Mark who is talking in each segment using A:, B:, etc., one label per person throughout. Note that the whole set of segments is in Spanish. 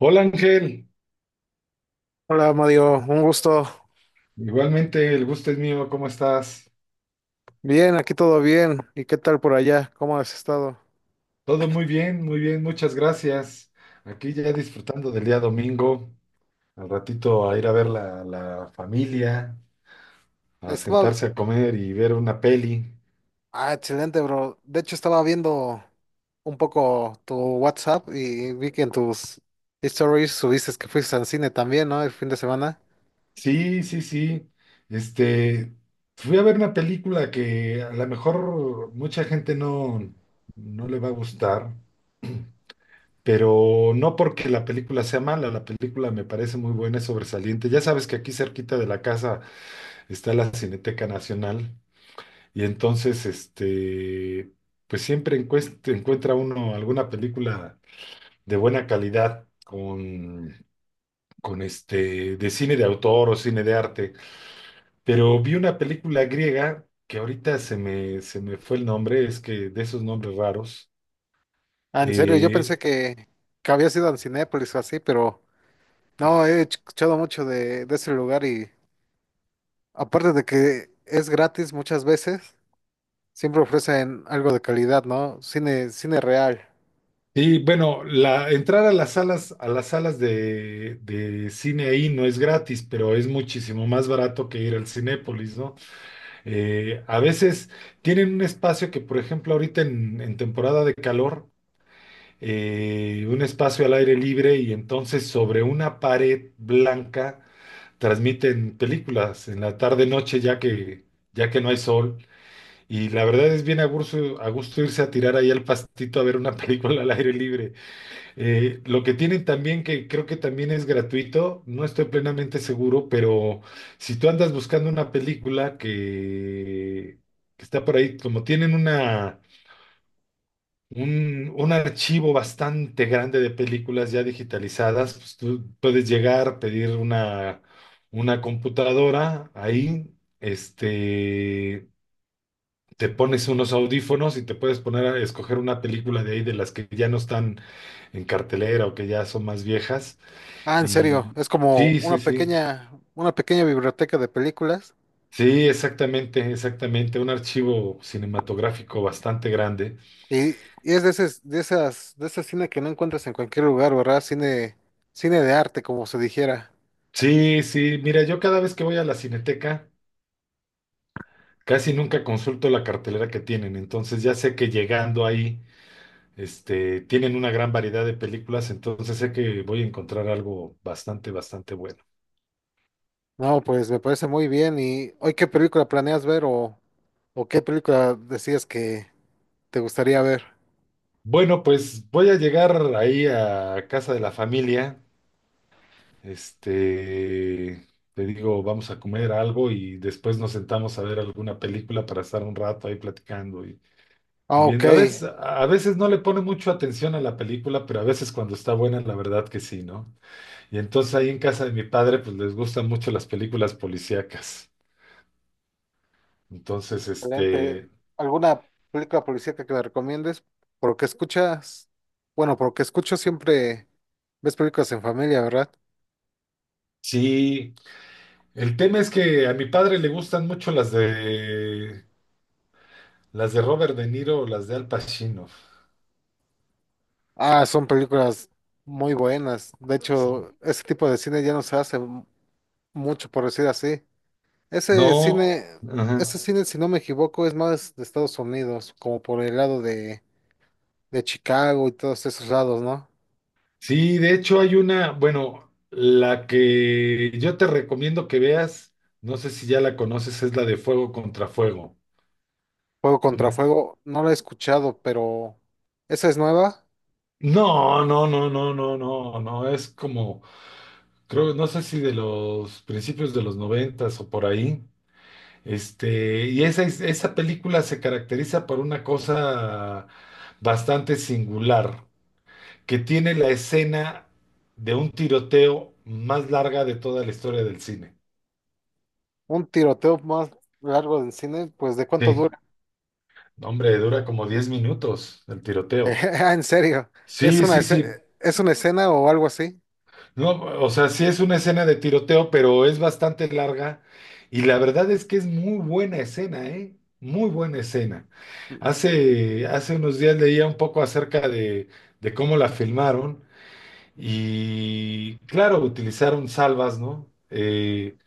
A: Hola Ángel,
B: Hola Mario, un gusto.
A: igualmente el gusto es mío, ¿cómo estás?
B: Bien, aquí todo bien. ¿Y qué tal por allá? ¿Cómo has estado?
A: Todo muy bien, muchas gracias. Aquí ya disfrutando del día domingo, al ratito a ir a ver la familia, a
B: Estaba...
A: sentarse a comer y ver una peli.
B: Ah, excelente, bro. De hecho, estaba viendo un poco tu WhatsApp y vi que en tus stories subiste que fuiste al cine también, ¿no? El fin de semana.
A: Sí, sí, sí. Este, fui a ver una película que a lo mejor mucha gente no le va a gustar, pero no porque la película sea mala, la película me parece muy buena, es sobresaliente. Ya sabes que aquí cerquita de la casa está la Cineteca Nacional y entonces, pues siempre encuentra uno alguna película de buena calidad con de cine de autor o cine de arte. Pero vi una película griega que ahorita se me fue el nombre, es que de esos nombres raros.
B: Ah, en serio, yo
A: Eh,
B: pensé que habías ido a Cinépolis o así, pero no, he escuchado mucho de ese lugar y aparte de que es gratis muchas veces, siempre ofrecen algo de calidad, ¿no? Cine, cine real.
A: y bueno, la, entrar a las salas de cine ahí no es gratis, pero es muchísimo más barato que ir al Cinépolis, ¿no? A veces tienen un espacio que, por ejemplo, ahorita en temporada de calor, un espacio al aire libre y entonces sobre una pared blanca transmiten películas en la tarde-noche ya que no hay sol. Y la verdad es bien a gusto irse a tirar ahí al pastito a ver una película al aire libre. Lo que tienen también, que creo que también es gratuito, no estoy plenamente seguro, pero si tú andas buscando una película que está por ahí, como tienen un archivo bastante grande de películas ya digitalizadas, pues tú puedes llegar, pedir una computadora ahí, este, te pones unos audífonos y te puedes poner a escoger una película de ahí de las que ya no están en cartelera o que ya son más viejas
B: Ah, en serio,
A: y
B: es como
A: sí, sí, sí.
B: una pequeña biblioteca de películas
A: Sí, exactamente, exactamente. Un archivo cinematográfico bastante grande.
B: y, y es de ese, de esas, de ese cine que no encuentras en cualquier lugar, ¿verdad? Cine, cine de arte, como se dijera.
A: Sí, sí. Mira, yo cada vez que voy a la Cineteca, casi nunca consulto la cartelera que tienen. Entonces ya sé que llegando ahí, tienen una gran variedad de películas. Entonces sé que voy a encontrar algo bastante, bastante bueno.
B: No, pues me parece muy bien. ¿Y hoy qué película planeas ver o qué película decías que te gustaría ver?
A: Bueno, pues voy a llegar ahí a casa de la familia. Este, te digo, vamos a comer algo y después nos sentamos a ver alguna película para estar un rato ahí platicando y
B: Ah, ok,
A: viendo. A veces no le pone mucho atención a la película, pero a veces cuando está buena, la verdad que sí, ¿no? Y entonces ahí en casa de mi padre, pues les gustan mucho las películas policíacas. Entonces,
B: excelente. ¿Alguna película policíaca que me recomiendes? Por lo que escuchas, bueno, por lo que escucho siempre ves películas en familia, ¿verdad?
A: sí, el tema es que a mi padre le gustan mucho las las de Robert De Niro o las de Al Pacino.
B: Ah, son películas muy buenas. De hecho, ese tipo de cine ya no se hace mucho, por decir así. Ese
A: No.
B: cine,
A: Ajá.
B: ese cine, si no me equivoco, es más de Estados Unidos, como por el lado de Chicago y todos esos lados, ¿no?
A: Sí, de hecho hay bueno, la que yo te recomiendo que veas, no sé si ya la conoces, es la de Fuego contra Fuego.
B: Fuego contra
A: Una-
B: fuego, no la he escuchado, pero esa es nueva.
A: No, no, no, no, no, no, no, es creo, no sé si de los principios de los noventas o por ahí. Esa película se caracteriza por una cosa bastante singular, que tiene la escena de un tiroteo más larga de toda la historia del cine.
B: Un tiroteo más largo del cine, pues ¿de cuánto
A: Sí.
B: dura?
A: No hombre, dura como 10 minutos el tiroteo.
B: Ah, en serio, ¿es
A: Sí,
B: una,
A: sí, sí.
B: es una escena o algo así?
A: No, o sea, sí es una escena de tiroteo, pero es bastante larga. Y la verdad es que es muy buena escena, ¿eh? Muy buena escena. Hace unos días leía un poco acerca de cómo la filmaron. Y claro, utilizaron salvas, ¿no?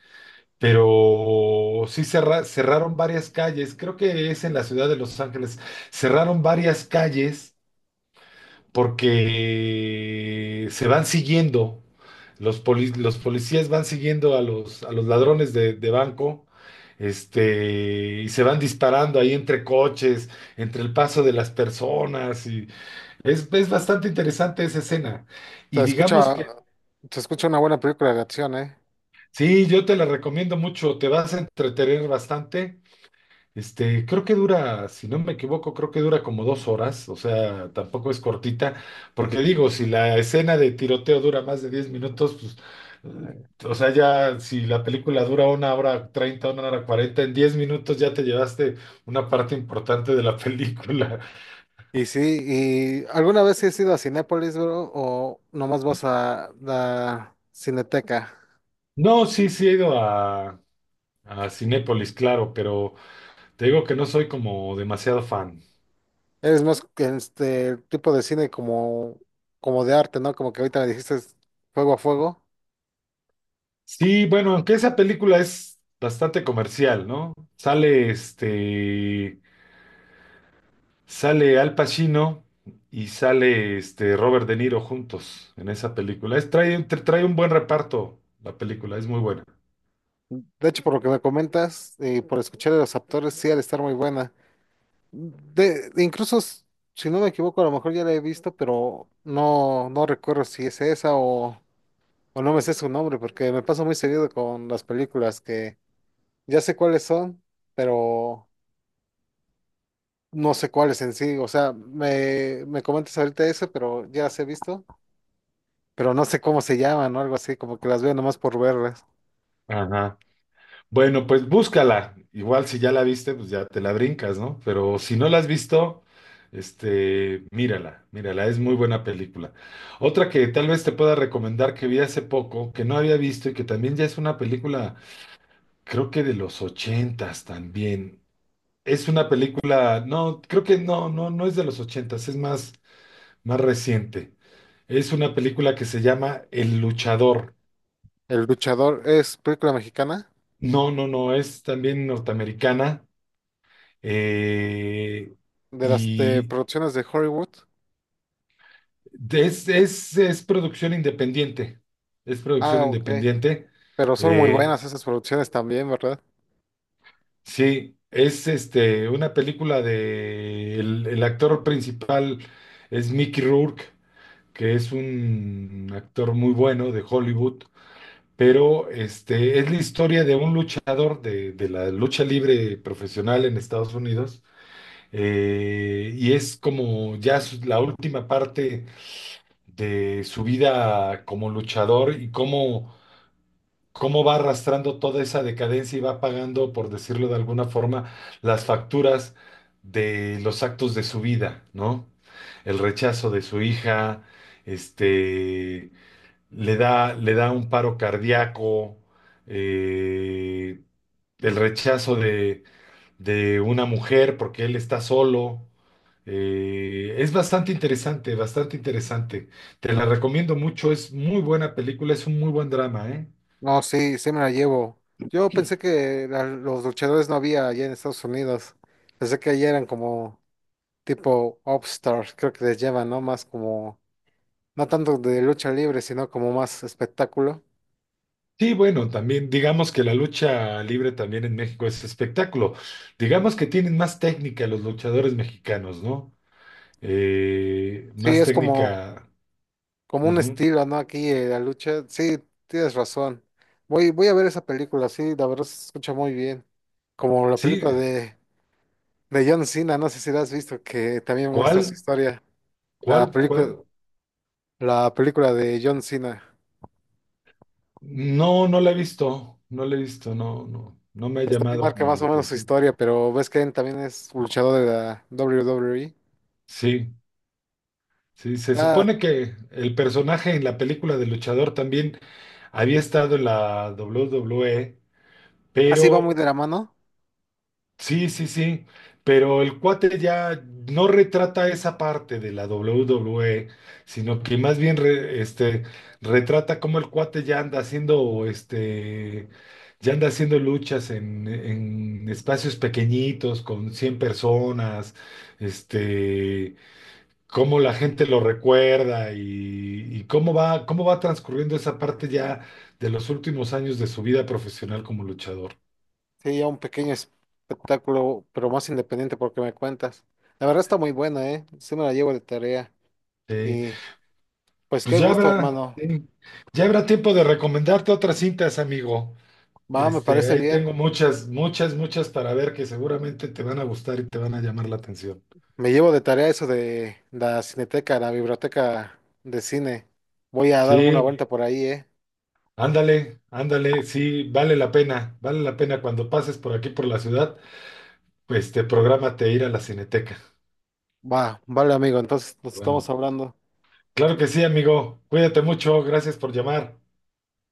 A: Pero sí cerraron varias calles. Creo que es en la ciudad de Los Ángeles. Cerraron varias calles porque se van siguiendo, los policías van siguiendo a a los ladrones de banco, y se van disparando ahí entre coches, entre el paso de las personas, y es bastante interesante esa escena.
B: Se
A: Y digamos
B: escucha,
A: que,
B: se escucha una buena película de acción, ¿eh?
A: sí, yo te la recomiendo mucho, te vas a entretener bastante. Creo que dura, si no me equivoco, creo que dura como 2 horas, o sea, tampoco es cortita, porque digo, si la escena de tiroteo dura más de 10 minutos, pues, o sea, ya si la película dura 1 hora 30, 1 hora 40, en 10 minutos ya te llevaste una parte importante de la película.
B: Y sí, ¿y alguna vez has ido a Cinépolis, bro? ¿O nomás vas a la Cineteca?
A: No, sí, sí he ido a Cinépolis, claro, pero te digo que no soy como demasiado fan.
B: Eres más que este el tipo de cine como, como de arte, ¿no? Como que ahorita me dijiste es fuego a fuego.
A: Sí, bueno, aunque esa película es bastante comercial, ¿no? Sale este... Sale Al Pacino y sale este Robert De Niro juntos en esa película. Trae un buen reparto la película, es muy buena.
B: De hecho, por lo que me comentas y por escuchar a los actores, sí, al estar muy buena. De, incluso, si no me equivoco, a lo mejor ya la he visto, pero no, no recuerdo si es esa o no me sé su nombre, porque me pasa muy seguido con las películas que ya sé cuáles son, pero. No sé cuáles en sí, o sea, me comentas ahorita eso, pero ya las he visto, pero no sé cómo se llaman o algo así, como que las veo nomás por verlas.
A: Ajá. Bueno, pues búscala. Igual si ya la viste, pues ya te la brincas, ¿no? Pero si no la has visto, mírala, mírala, es muy buena película. Otra que tal vez te pueda recomendar que vi hace poco, que no había visto y que también ya es una película, creo que de los ochentas también. Es una película, no, creo que no es de los ochentas, es más, más reciente. Es una película que se llama El Luchador.
B: El luchador es película mexicana
A: No, no, no, es también norteamericana eh,
B: de las de
A: y
B: producciones de Hollywood.
A: es producción independiente. Es producción
B: Ah, ok.
A: independiente.
B: Pero son muy
A: Eh,
B: buenas esas producciones también, ¿verdad?
A: sí, es una película de el actor principal es Mickey Rourke. Que es un actor muy bueno de Hollywood, pero es la historia de un luchador de la lucha libre profesional en Estados Unidos, y es como ya la última parte de su vida como luchador y cómo, cómo va arrastrando toda esa decadencia y va pagando, por decirlo de alguna forma, las facturas de los actos de su vida, ¿no? El rechazo de su hija, este, le da un paro cardíaco, eh, el rechazo de una mujer porque él está solo. Es bastante interesante, bastante interesante. Te la recomiendo mucho, es muy buena película, es un muy buen drama, ¿eh?
B: No, sí, sí me la llevo. Yo pensé que los luchadores no había allá en Estados Unidos. Pensé que allá eran como tipo upstars, creo que les llevan, ¿no? Más como, no tanto de lucha libre, sino como más espectáculo.
A: Sí, bueno, también digamos que la lucha libre también en México es espectáculo. Digamos que tienen más técnica los luchadores mexicanos, ¿no?
B: Sí,
A: Más
B: es como,
A: técnica.
B: como un
A: Ujú.
B: estilo, ¿no? Aquí la lucha. Sí, tienes razón. Voy, voy a ver esa película, sí, la verdad se escucha muy bien. Como la
A: Sí,
B: película de John Cena, no sé si la has visto, que también muestra su
A: ¿cuál?
B: historia. La
A: ¿Cuál?
B: película,
A: ¿Cuál?
B: la película de John Cena,
A: No, no la he visto, no la he visto, no, no, no me ha
B: pues también
A: llamado
B: marca
A: como
B: más
A: la
B: o menos su
A: atención.
B: historia, pero ves que él también es luchador de la WWE.
A: Sí, sí, se
B: Ah,
A: supone que el personaje en la película de luchador también había estado en la WWE,
B: así va
A: pero
B: muy de la mano.
A: sí, sí, sí, pero el cuate ya no retrata esa parte de la WWE, sino que más bien retrata cómo el cuate ya anda haciendo, ya anda haciendo luchas en espacios pequeñitos con 100 personas, este, cómo la gente lo recuerda y cómo va transcurriendo esa parte ya de los últimos años de su vida profesional como luchador.
B: Sí, ya un pequeño espectáculo, pero más independiente porque me cuentas. La verdad está muy buena, ¿eh? Sí me la llevo de tarea.
A: Sí.
B: Y pues
A: Pues
B: qué
A: ya
B: gusto,
A: habrá,
B: hermano.
A: sí, ya habrá tiempo de recomendarte otras cintas, amigo.
B: Va, me parece
A: Ahí tengo
B: bien.
A: muchas, muchas, muchas para ver que seguramente te van a gustar y te van a llamar la atención.
B: Me llevo de tarea eso de la cineteca, la biblioteca de cine. Voy a darme una
A: Sí,
B: vuelta por ahí, ¿eh?
A: ándale, ándale, sí, vale la pena cuando pases por aquí por la ciudad, pues te prográmate ir a la Cineteca.
B: Va, vale, amigo, entonces nos estamos
A: Bueno,
B: hablando.
A: claro que sí, amigo. Cuídate mucho, gracias por llamar.